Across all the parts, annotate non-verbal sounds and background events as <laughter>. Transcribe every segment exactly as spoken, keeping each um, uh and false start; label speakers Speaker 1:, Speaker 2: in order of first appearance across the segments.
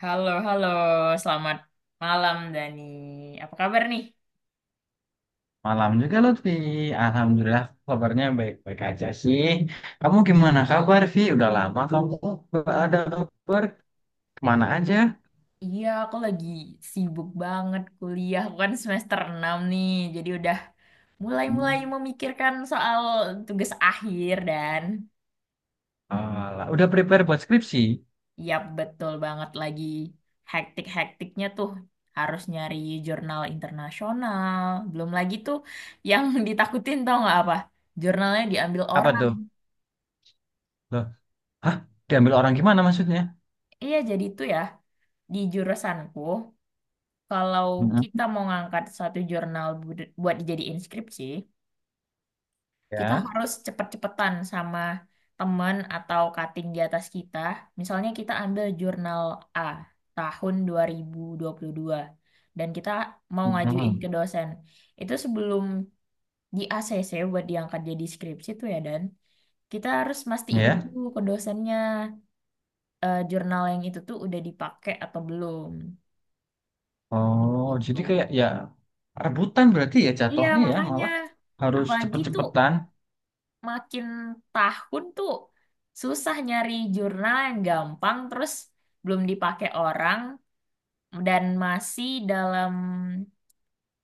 Speaker 1: Halo, halo. Selamat malam, Dani. Apa kabar nih?
Speaker 2: Malam juga Lutfi. Alhamdulillah kabarnya baik-baik aja sih. Kamu gimana kabar, Vi? Udah lama kamu nggak ada kabar. Kemana aja?
Speaker 1: Iya, aku lagi sibuk banget kuliah. Aku kan semester enam nih, jadi udah
Speaker 2: Hmm,
Speaker 1: mulai-mulai memikirkan soal tugas akhir dan
Speaker 2: alah. Udah prepare buat skripsi?
Speaker 1: yap, betul banget lagi hektik-hektiknya tuh. Harus nyari jurnal internasional. Belum lagi tuh yang <laughs> ditakutin tau nggak apa? Jurnalnya diambil
Speaker 2: Apa
Speaker 1: orang.
Speaker 2: tuh? Loh, hah? Diambil orang gimana maksudnya?
Speaker 1: Iya, jadi itu ya, di jurusanku. Kalau kita
Speaker 2: Mm-mm.
Speaker 1: mau ngangkat satu jurnal bud- buat dijadiin skripsi, kita
Speaker 2: Ya.
Speaker 1: harus cepet-cepetan sama temen atau cutting di atas kita. Misalnya kita ambil jurnal A tahun dua dua ribu dua puluh dua dan kita mau ngajuin
Speaker 2: Mm-mm.
Speaker 1: ke dosen. Itu sebelum di A C C buat diangkat jadi skripsi tuh ya Dan, kita harus mastiin
Speaker 2: Ya.
Speaker 1: dulu ke dosennya eh, jurnal yang itu tuh udah dipakai atau belum.
Speaker 2: Oh,
Speaker 1: Gitu.
Speaker 2: jadi kayak ya rebutan berarti ya
Speaker 1: Iya,
Speaker 2: jatuhnya ya
Speaker 1: makanya.
Speaker 2: malah harus
Speaker 1: Apalagi tuh
Speaker 2: cepet-cepetan.
Speaker 1: makin tahun tuh susah nyari jurnal yang gampang terus belum dipakai orang dan masih dalam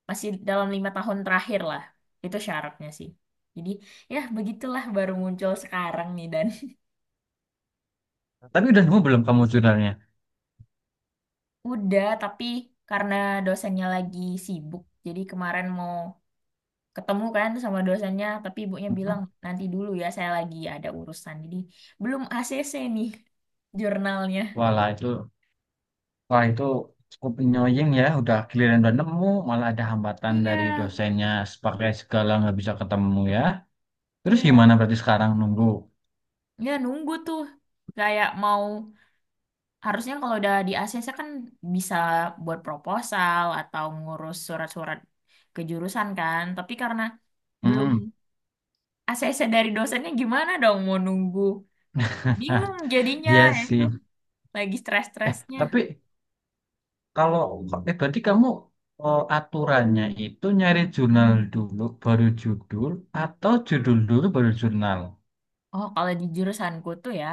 Speaker 1: masih dalam lima tahun terakhir lah, itu syaratnya sih. Jadi ya begitulah, baru muncul sekarang nih, dan
Speaker 2: Tapi udah nemu belum kamu jurnalnya?
Speaker 1: <laughs> udah, tapi karena dosennya lagi sibuk jadi kemarin mau ketemu kan sama dosennya, tapi ibunya bilang
Speaker 2: Mm-mm.
Speaker 1: nanti dulu ya, saya lagi ada urusan, jadi belum A C C nih <laughs> jurnalnya.
Speaker 2: Walah itu Wah itu cukup annoying ya, udah giliran udah nemu, malah ada hambatan
Speaker 1: Iya,
Speaker 2: dari dosennya sebagai segala nggak bisa ketemu ya. Terus
Speaker 1: iya.
Speaker 2: gimana berarti sekarang nunggu?
Speaker 1: Ya nunggu tuh, kayak mau, harusnya kalau udah di A C C kan bisa buat proposal atau ngurus surat-surat kejurusan kan, tapi karena belum
Speaker 2: Hmm,
Speaker 1: A C C dari dosennya, gimana dong mau nunggu, bingung
Speaker 2: <laughs>
Speaker 1: jadinya
Speaker 2: iya
Speaker 1: ya itu,
Speaker 2: sih.
Speaker 1: lagi
Speaker 2: Eh,
Speaker 1: stres-stresnya.
Speaker 2: tapi kalau eh berarti kamu eh, aturannya itu nyari jurnal dulu baru judul atau judul dulu baru jurnal?
Speaker 1: Oh, kalau di jurusanku tuh ya,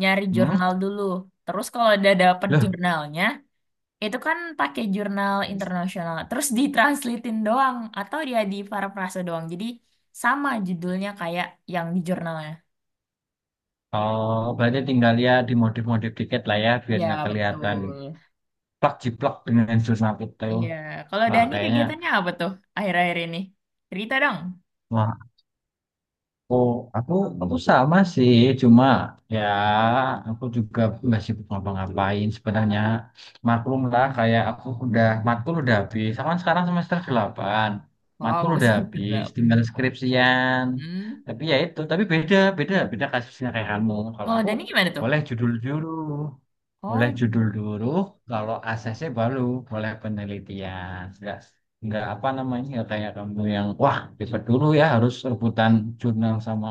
Speaker 1: nyari
Speaker 2: Hmm?
Speaker 1: jurnal dulu, terus kalau udah dapet
Speaker 2: Loh,
Speaker 1: jurnalnya, itu kan pakai jurnal internasional. Terus ditranslatein doang atau dia di parafrase doang. Jadi sama judulnya kayak yang di jurnalnya.
Speaker 2: oh berarti tinggal ya dimodif-modif dikit lah ya biar nggak
Speaker 1: Ya,
Speaker 2: kelihatan
Speaker 1: betul.
Speaker 2: plak jiplak dengan jurnal itu.
Speaker 1: Iya, kalau
Speaker 2: Wah,
Speaker 1: Dani
Speaker 2: kayaknya
Speaker 1: kegiatannya apa tuh akhir-akhir ini? Cerita dong.
Speaker 2: Wah, aku, aku, aku sama sih, cuma ya aku juga masih ngapa-ngapain sebenarnya. Maklum lah, kayak aku udah, matkul udah habis. Aku kan sekarang semester delapan. Matkul
Speaker 1: Wow, <laughs>
Speaker 2: udah
Speaker 1: semester
Speaker 2: habis,
Speaker 1: berapa?
Speaker 2: tinggal skripsian.
Speaker 1: Hmm.
Speaker 2: Tapi ya itu, tapi beda, beda, beda kasusnya kayak kamu. Kalau
Speaker 1: Kalau
Speaker 2: aku
Speaker 1: Dani gimana tuh?
Speaker 2: boleh judul dulu, boleh
Speaker 1: Oh,
Speaker 2: judul dulu, kalau asesnya baru boleh penelitian. Enggak, nggak apa namanya, nggak kayak kamu yang wah ribet dulu ya harus rebutan jurnal sama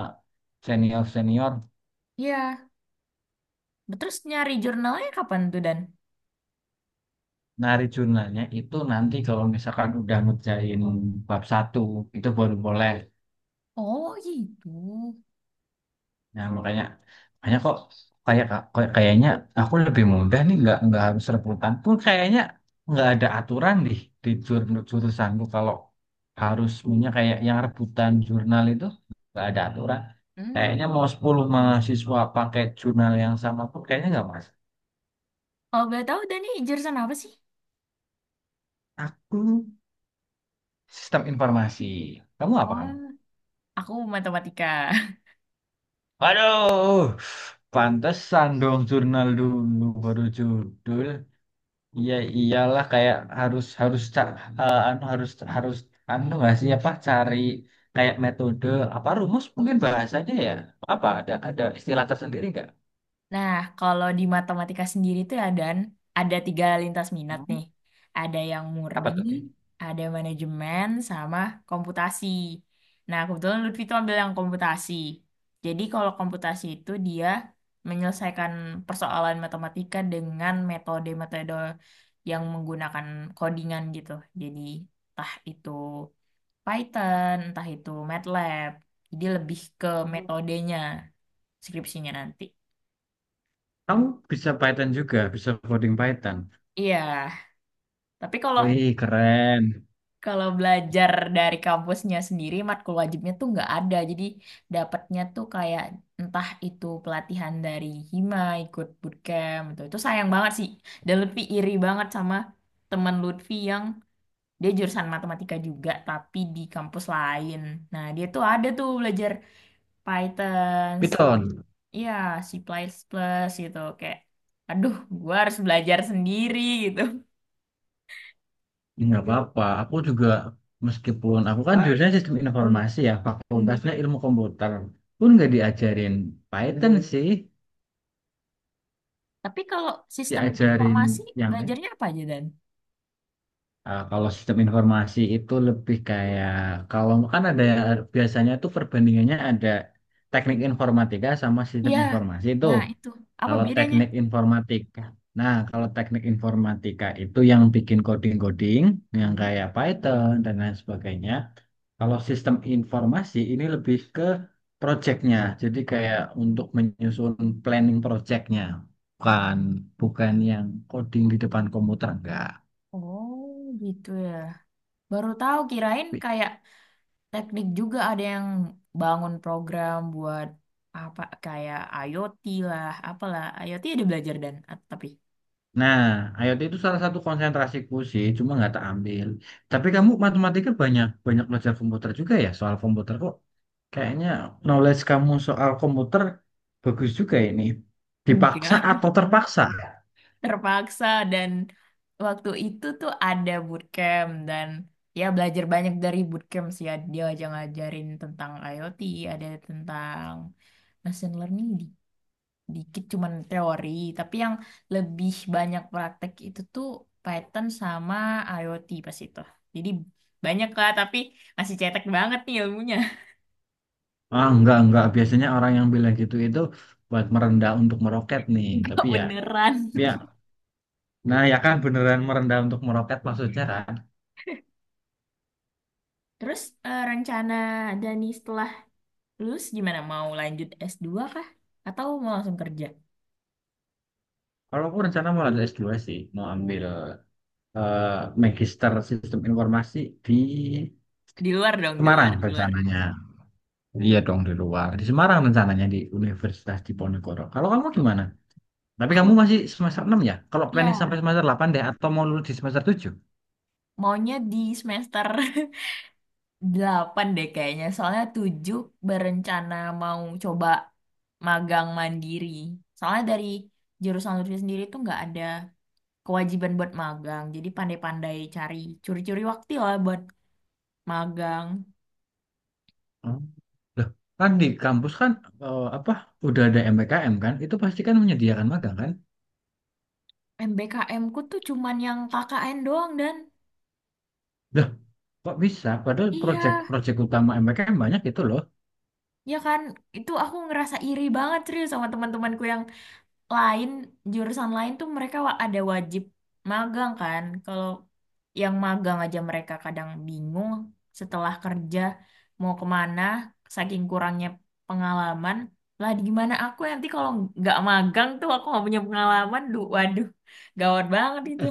Speaker 2: senior senior.
Speaker 1: iya. Terus nyari jurnalnya kapan tuh, Dan?
Speaker 2: Nari jurnalnya itu nanti kalau misalkan udah ngerjain bab satu itu baru boleh.
Speaker 1: Oh, gitu.
Speaker 2: Nah, makanya makanya kok kayak kayak kayaknya aku lebih mudah nih nggak nggak harus rebutan pun kayaknya nggak ada aturan deh di jur- jurusanku kalau harus punya kayak yang rebutan jurnal itu nggak ada aturan. Kayaknya
Speaker 1: Hmm.
Speaker 2: mau sepuluh mahasiswa pakai jurnal yang sama pun kayaknya nggak masuk.
Speaker 1: Kalau boleh tahu, Dani jurusan apa sih?
Speaker 2: Aku sistem informasi. Kamu apa
Speaker 1: Oh,
Speaker 2: kamu?
Speaker 1: aku matematika. <laughs>
Speaker 2: Waduh, pantesan dong jurnal dulu baru judul. Iya iyalah kayak harus harus ca- eh, anu harus harus anu nggak sih apa cari kayak metode apa rumus mungkin bahasanya ya apa ada ada istilah tersendiri nggak?
Speaker 1: Nah, kalau di matematika sendiri tuh ada ada tiga lintas minat
Speaker 2: Hmm?
Speaker 1: nih. Ada yang murni,
Speaker 2: Apa tuh?
Speaker 1: ada manajemen, sama komputasi. Nah, kebetulan Lutfi tuh ambil yang komputasi. Jadi kalau komputasi itu, dia menyelesaikan persoalan matematika dengan metode-metode yang menggunakan codingan gitu. Jadi entah itu Python, entah itu MATLAB. Jadi lebih ke
Speaker 2: Kamu
Speaker 1: metodenya skripsinya nanti.
Speaker 2: kamu bisa Python juga, bisa coding Python.
Speaker 1: Iya. Tapi kalau
Speaker 2: Wih keren.
Speaker 1: kalau belajar dari kampusnya sendiri, matkul wajibnya tuh nggak ada. Jadi dapatnya tuh kayak entah itu pelatihan dari Hima, ikut bootcamp itu. Itu sayang banget sih. Dan lebih iri banget sama teman Lutfi yang dia jurusan matematika juga, tapi di kampus lain. Nah, dia tuh ada tuh belajar Python,
Speaker 2: Python,
Speaker 1: ya C++ gitu. Kayak, aduh, gua harus belajar sendiri gitu.
Speaker 2: nggak apa-apa. Aku juga meskipun aku kan jurusannya sistem informasi ya, fakultasnya ilmu komputer, pun nggak diajarin Python sih,
Speaker 1: Tapi kalau sistem
Speaker 2: diajarin
Speaker 1: informasi,
Speaker 2: yang lain.
Speaker 1: belajarnya apa aja Dan?
Speaker 2: Uh, kalau sistem informasi itu lebih kayak kalau kan ada biasanya tuh perbandingannya ada teknik informatika sama sistem
Speaker 1: Iya,
Speaker 2: informasi itu.
Speaker 1: nah itu apa
Speaker 2: Kalau
Speaker 1: bedanya?
Speaker 2: teknik informatika, nah kalau teknik informatika itu yang bikin coding-coding yang
Speaker 1: Hmm.
Speaker 2: kayak Python dan lain sebagainya. Kalau sistem informasi ini lebih ke projectnya, jadi kayak untuk menyusun planning projectnya, bukan bukan yang coding di depan komputer enggak.
Speaker 1: Oh gitu ya. Baru tahu, kirain kayak teknik juga ada yang bangun program buat apa kayak IoT lah, apalah. IoT ada belajar dan at- tapi
Speaker 2: Nah, IoT itu salah satu konsentrasiku sih, cuma nggak tak ambil. Tapi kamu matematika banyak banyak belajar komputer juga ya soal komputer kok. Kayaknya knowledge kamu soal komputer bagus juga ini. Dipaksa
Speaker 1: enggak.
Speaker 2: atau terpaksa?
Speaker 1: <laughs> Terpaksa, dan waktu itu tuh ada bootcamp dan ya belajar banyak dari bootcamp sih, ya dia aja ngajarin tentang IoT, ada tentang machine learning dikit cuman teori, tapi yang lebih banyak praktek itu tuh Python sama IoT pas itu. Jadi banyak lah, tapi masih cetek banget nih ilmunya.
Speaker 2: Ah, enggak, enggak. Biasanya orang yang bilang gitu itu buat merendah untuk meroket nih.
Speaker 1: <laughs> Enggak
Speaker 2: Tapi ya,
Speaker 1: beneran.
Speaker 2: ya. Nah, ya kan beneran merendah untuk meroket maksudnya kan.
Speaker 1: Terus eh, rencana Dani setelah lulus gimana? Mau lanjut es dua kah? Atau mau langsung kerja?
Speaker 2: Kalau aku rencana mau lanjut S dua sih, mau ambil eh, magister sistem informasi di
Speaker 1: Di luar dong, di luar,
Speaker 2: Semarang
Speaker 1: di luar.
Speaker 2: rencananya. Iya dong di luar. Di Semarang rencananya di Universitas Diponegoro. Kalau kamu gimana? Tapi kamu
Speaker 1: Aku
Speaker 2: masih semester enam ya? Kalau planning sampai
Speaker 1: ya
Speaker 2: semester delapan deh atau mau lulus di semester tujuh.
Speaker 1: maunya di semester <laughs> delapan deh kayaknya, soalnya tujuh berencana mau coba magang mandiri. Soalnya dari jurusan Lutfi sendiri tuh nggak ada kewajiban buat magang, jadi pandai-pandai cari curi-curi waktu lah buat magang.
Speaker 2: Oh. Loh, kan di kampus kan eh, apa udah ada M P K M kan? Itu pasti kan menyediakan magang kan?
Speaker 1: M B K M ku tuh cuman yang K K N doang, dan
Speaker 2: Loh, kok bisa? Padahal
Speaker 1: iya,
Speaker 2: proyek-proyek utama M P K M banyak itu loh.
Speaker 1: ya kan, itu aku ngerasa iri banget serius sama teman-temanku yang lain, jurusan lain tuh mereka wa- ada wajib magang kan. Kalau yang magang aja mereka kadang bingung setelah kerja mau kemana, saking kurangnya pengalaman. Lah gimana aku ya, nanti kalau nggak magang tuh aku nggak punya pengalaman, duh waduh, gawat banget itu.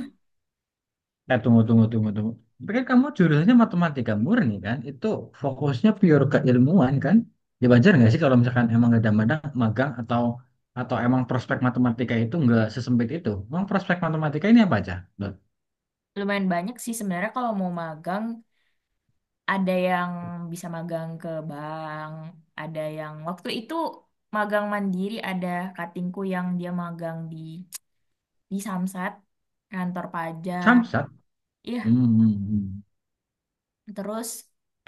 Speaker 2: Eh, tunggu, tunggu, tunggu, tunggu. Tapi kan kamu jurusannya matematika murni kan? Itu fokusnya pure keilmuan kan? Ya, Dibajar nggak sih kalau misalkan emang nggak ada madang, magang atau atau emang prospek matematika itu nggak sesempit itu? Emang prospek matematika ini apa aja? Loh,
Speaker 1: Lumayan banyak sih sebenarnya kalau mau magang, ada yang bisa magang ke bank, ada yang waktu itu magang mandiri, ada katingku yang dia magang di di Samsat, kantor pajak.
Speaker 2: Samsat.
Speaker 1: Iya,
Speaker 2: Hmm. Hmm,
Speaker 1: terus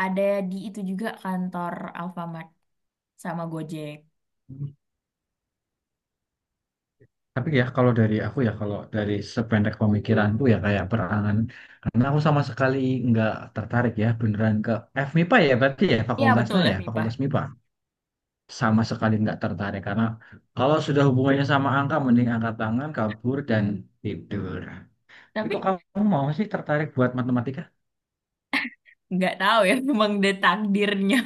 Speaker 1: ada di itu juga kantor Alfamart sama Gojek.
Speaker 2: hmm. Tapi ya kalau dari aku ya kalau dari sependek pemikiranku ya kayak perangan karena aku sama sekali nggak tertarik ya beneran ke F mipa ya berarti ya
Speaker 1: Iya, betul
Speaker 2: fakultasnya ya
Speaker 1: ef mipa.
Speaker 2: fakultas MIPA. Sama sekali nggak tertarik karena kalau sudah hubungannya sama angka mending angkat tangan kabur dan tidur. Tapi kok
Speaker 1: Tapi
Speaker 2: kamu mau sih tertarik buat matematika?
Speaker 1: nggak tahu ya, <laughs> memang udah takdirnya.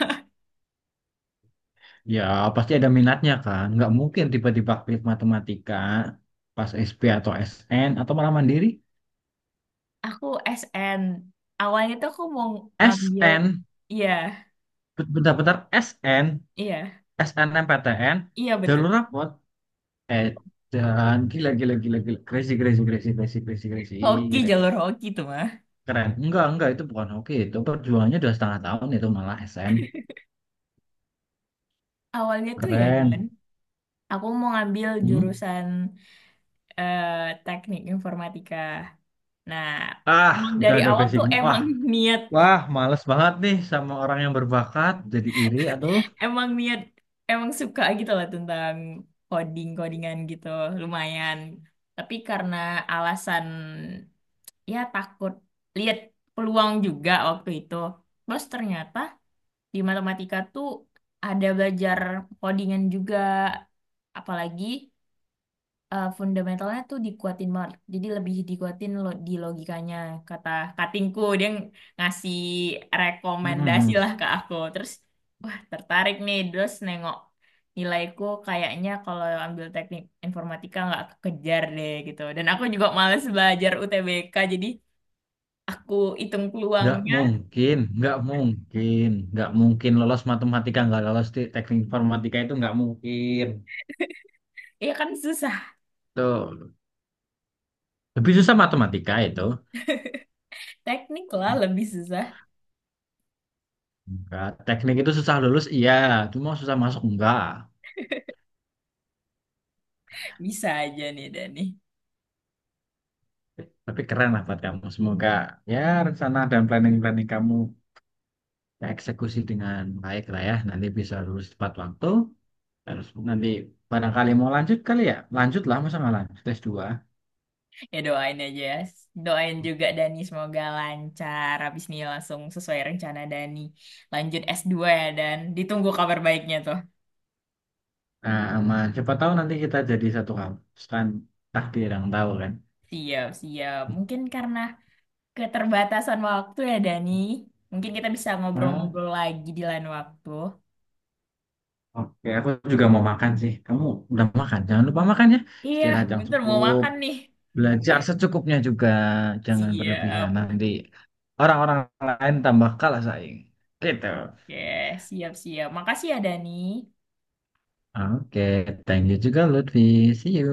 Speaker 2: Ya pasti ada minatnya kan, nggak mungkin tiba-tiba klik matematika pas S P atau S N atau malah mandiri.
Speaker 1: <laughs> Aku S N. Awalnya tuh aku mau ngambil,
Speaker 2: SN,
Speaker 1: iya,
Speaker 2: bentar-bentar S N,
Speaker 1: iya,
Speaker 2: SNMPTN,
Speaker 1: iya
Speaker 2: jalur
Speaker 1: betul.
Speaker 2: rapot, eh dan gila gila gila gila crazy crazy crazy crazy crazy crazy
Speaker 1: Hoki,
Speaker 2: gila gila.
Speaker 1: jalur hoki tuh mah.
Speaker 2: Keren. Enggak, enggak. Itu bukan hoki. Itu perjuangannya udah setengah tahun itu malah S M.
Speaker 1: Awalnya tuh ya, Dan.
Speaker 2: Keren.
Speaker 1: Aku mau ngambil
Speaker 2: Hmm?
Speaker 1: jurusan eh, teknik informatika. Nah,
Speaker 2: Ah,
Speaker 1: emang
Speaker 2: udah
Speaker 1: dari
Speaker 2: ada
Speaker 1: awal tuh
Speaker 2: basicnya. Wah,
Speaker 1: emang <laughs> niat,
Speaker 2: wah, males banget nih sama orang yang berbakat. Jadi iri atau.
Speaker 1: emang niat, emang suka gitu lah tentang coding codingan gitu lumayan, tapi karena alasan ya takut, lihat peluang juga waktu itu. Terus ternyata di matematika tuh ada belajar codingan juga, apalagi eh, fundamentalnya tuh dikuatin banget. Jadi lebih dikuatin lo, di logikanya, kata katingku, dia ng- ngasih rekomendasi
Speaker 2: Mm-mm.
Speaker 1: lah ke aku. Terus wah tertarik nih, terus nengok nilaiku, kayaknya kalau ambil teknik informatika nggak kekejar deh gitu. Dan aku juga males belajar U T B K, jadi aku hitung
Speaker 2: Nggak
Speaker 1: peluangnya,
Speaker 2: mungkin, nggak mungkin, nggak mungkin lolos matematika, nggak lolos di teknik informatika itu nggak mungkin.
Speaker 1: ya kan susah.
Speaker 2: Tuh, lebih susah matematika itu.
Speaker 1: Teknik lah lebih susah.
Speaker 2: Enggak. Teknik itu susah lulus, iya. Cuma susah masuk, enggak.
Speaker 1: Bisa aja nih Dani.
Speaker 2: Tapi keren lah buat kamu. Semoga ya rencana dan planning-planning kamu eksekusi dengan baik lah ya. Nanti bisa lulus tepat waktu. Terus nanti barangkali mau lanjut kali ya. Lanjut lah, masa nggak lanjut S dua.
Speaker 1: Ya doain aja ya. Doain juga Dani semoga lancar. Habis ini langsung sesuai rencana Dani. Lanjut es dua ya Dan, ditunggu kabar baiknya tuh.
Speaker 2: Nah, aman. Siapa tahu nanti kita jadi satu kampus kan. Takdir yang tahu kan.
Speaker 1: Siap, siap. Mungkin karena keterbatasan waktu ya Dani. Mungkin kita bisa
Speaker 2: Ah,
Speaker 1: ngobrol-ngobrol lagi di lain waktu.
Speaker 2: oke, aku juga mau makan sih. Kamu udah makan? Jangan lupa makan ya.
Speaker 1: Iya,
Speaker 2: Istirahat yang
Speaker 1: bentar mau
Speaker 2: cukup.
Speaker 1: makan nih. <laughs> Oke,
Speaker 2: Belajar secukupnya juga. Jangan berlebihan.
Speaker 1: siap.
Speaker 2: Nanti orang-orang lain tambah kalah saing. Gitu.
Speaker 1: Oke, siap-siap. Makasih ya Dani.
Speaker 2: Oke, thank you juga Lutfi. See you.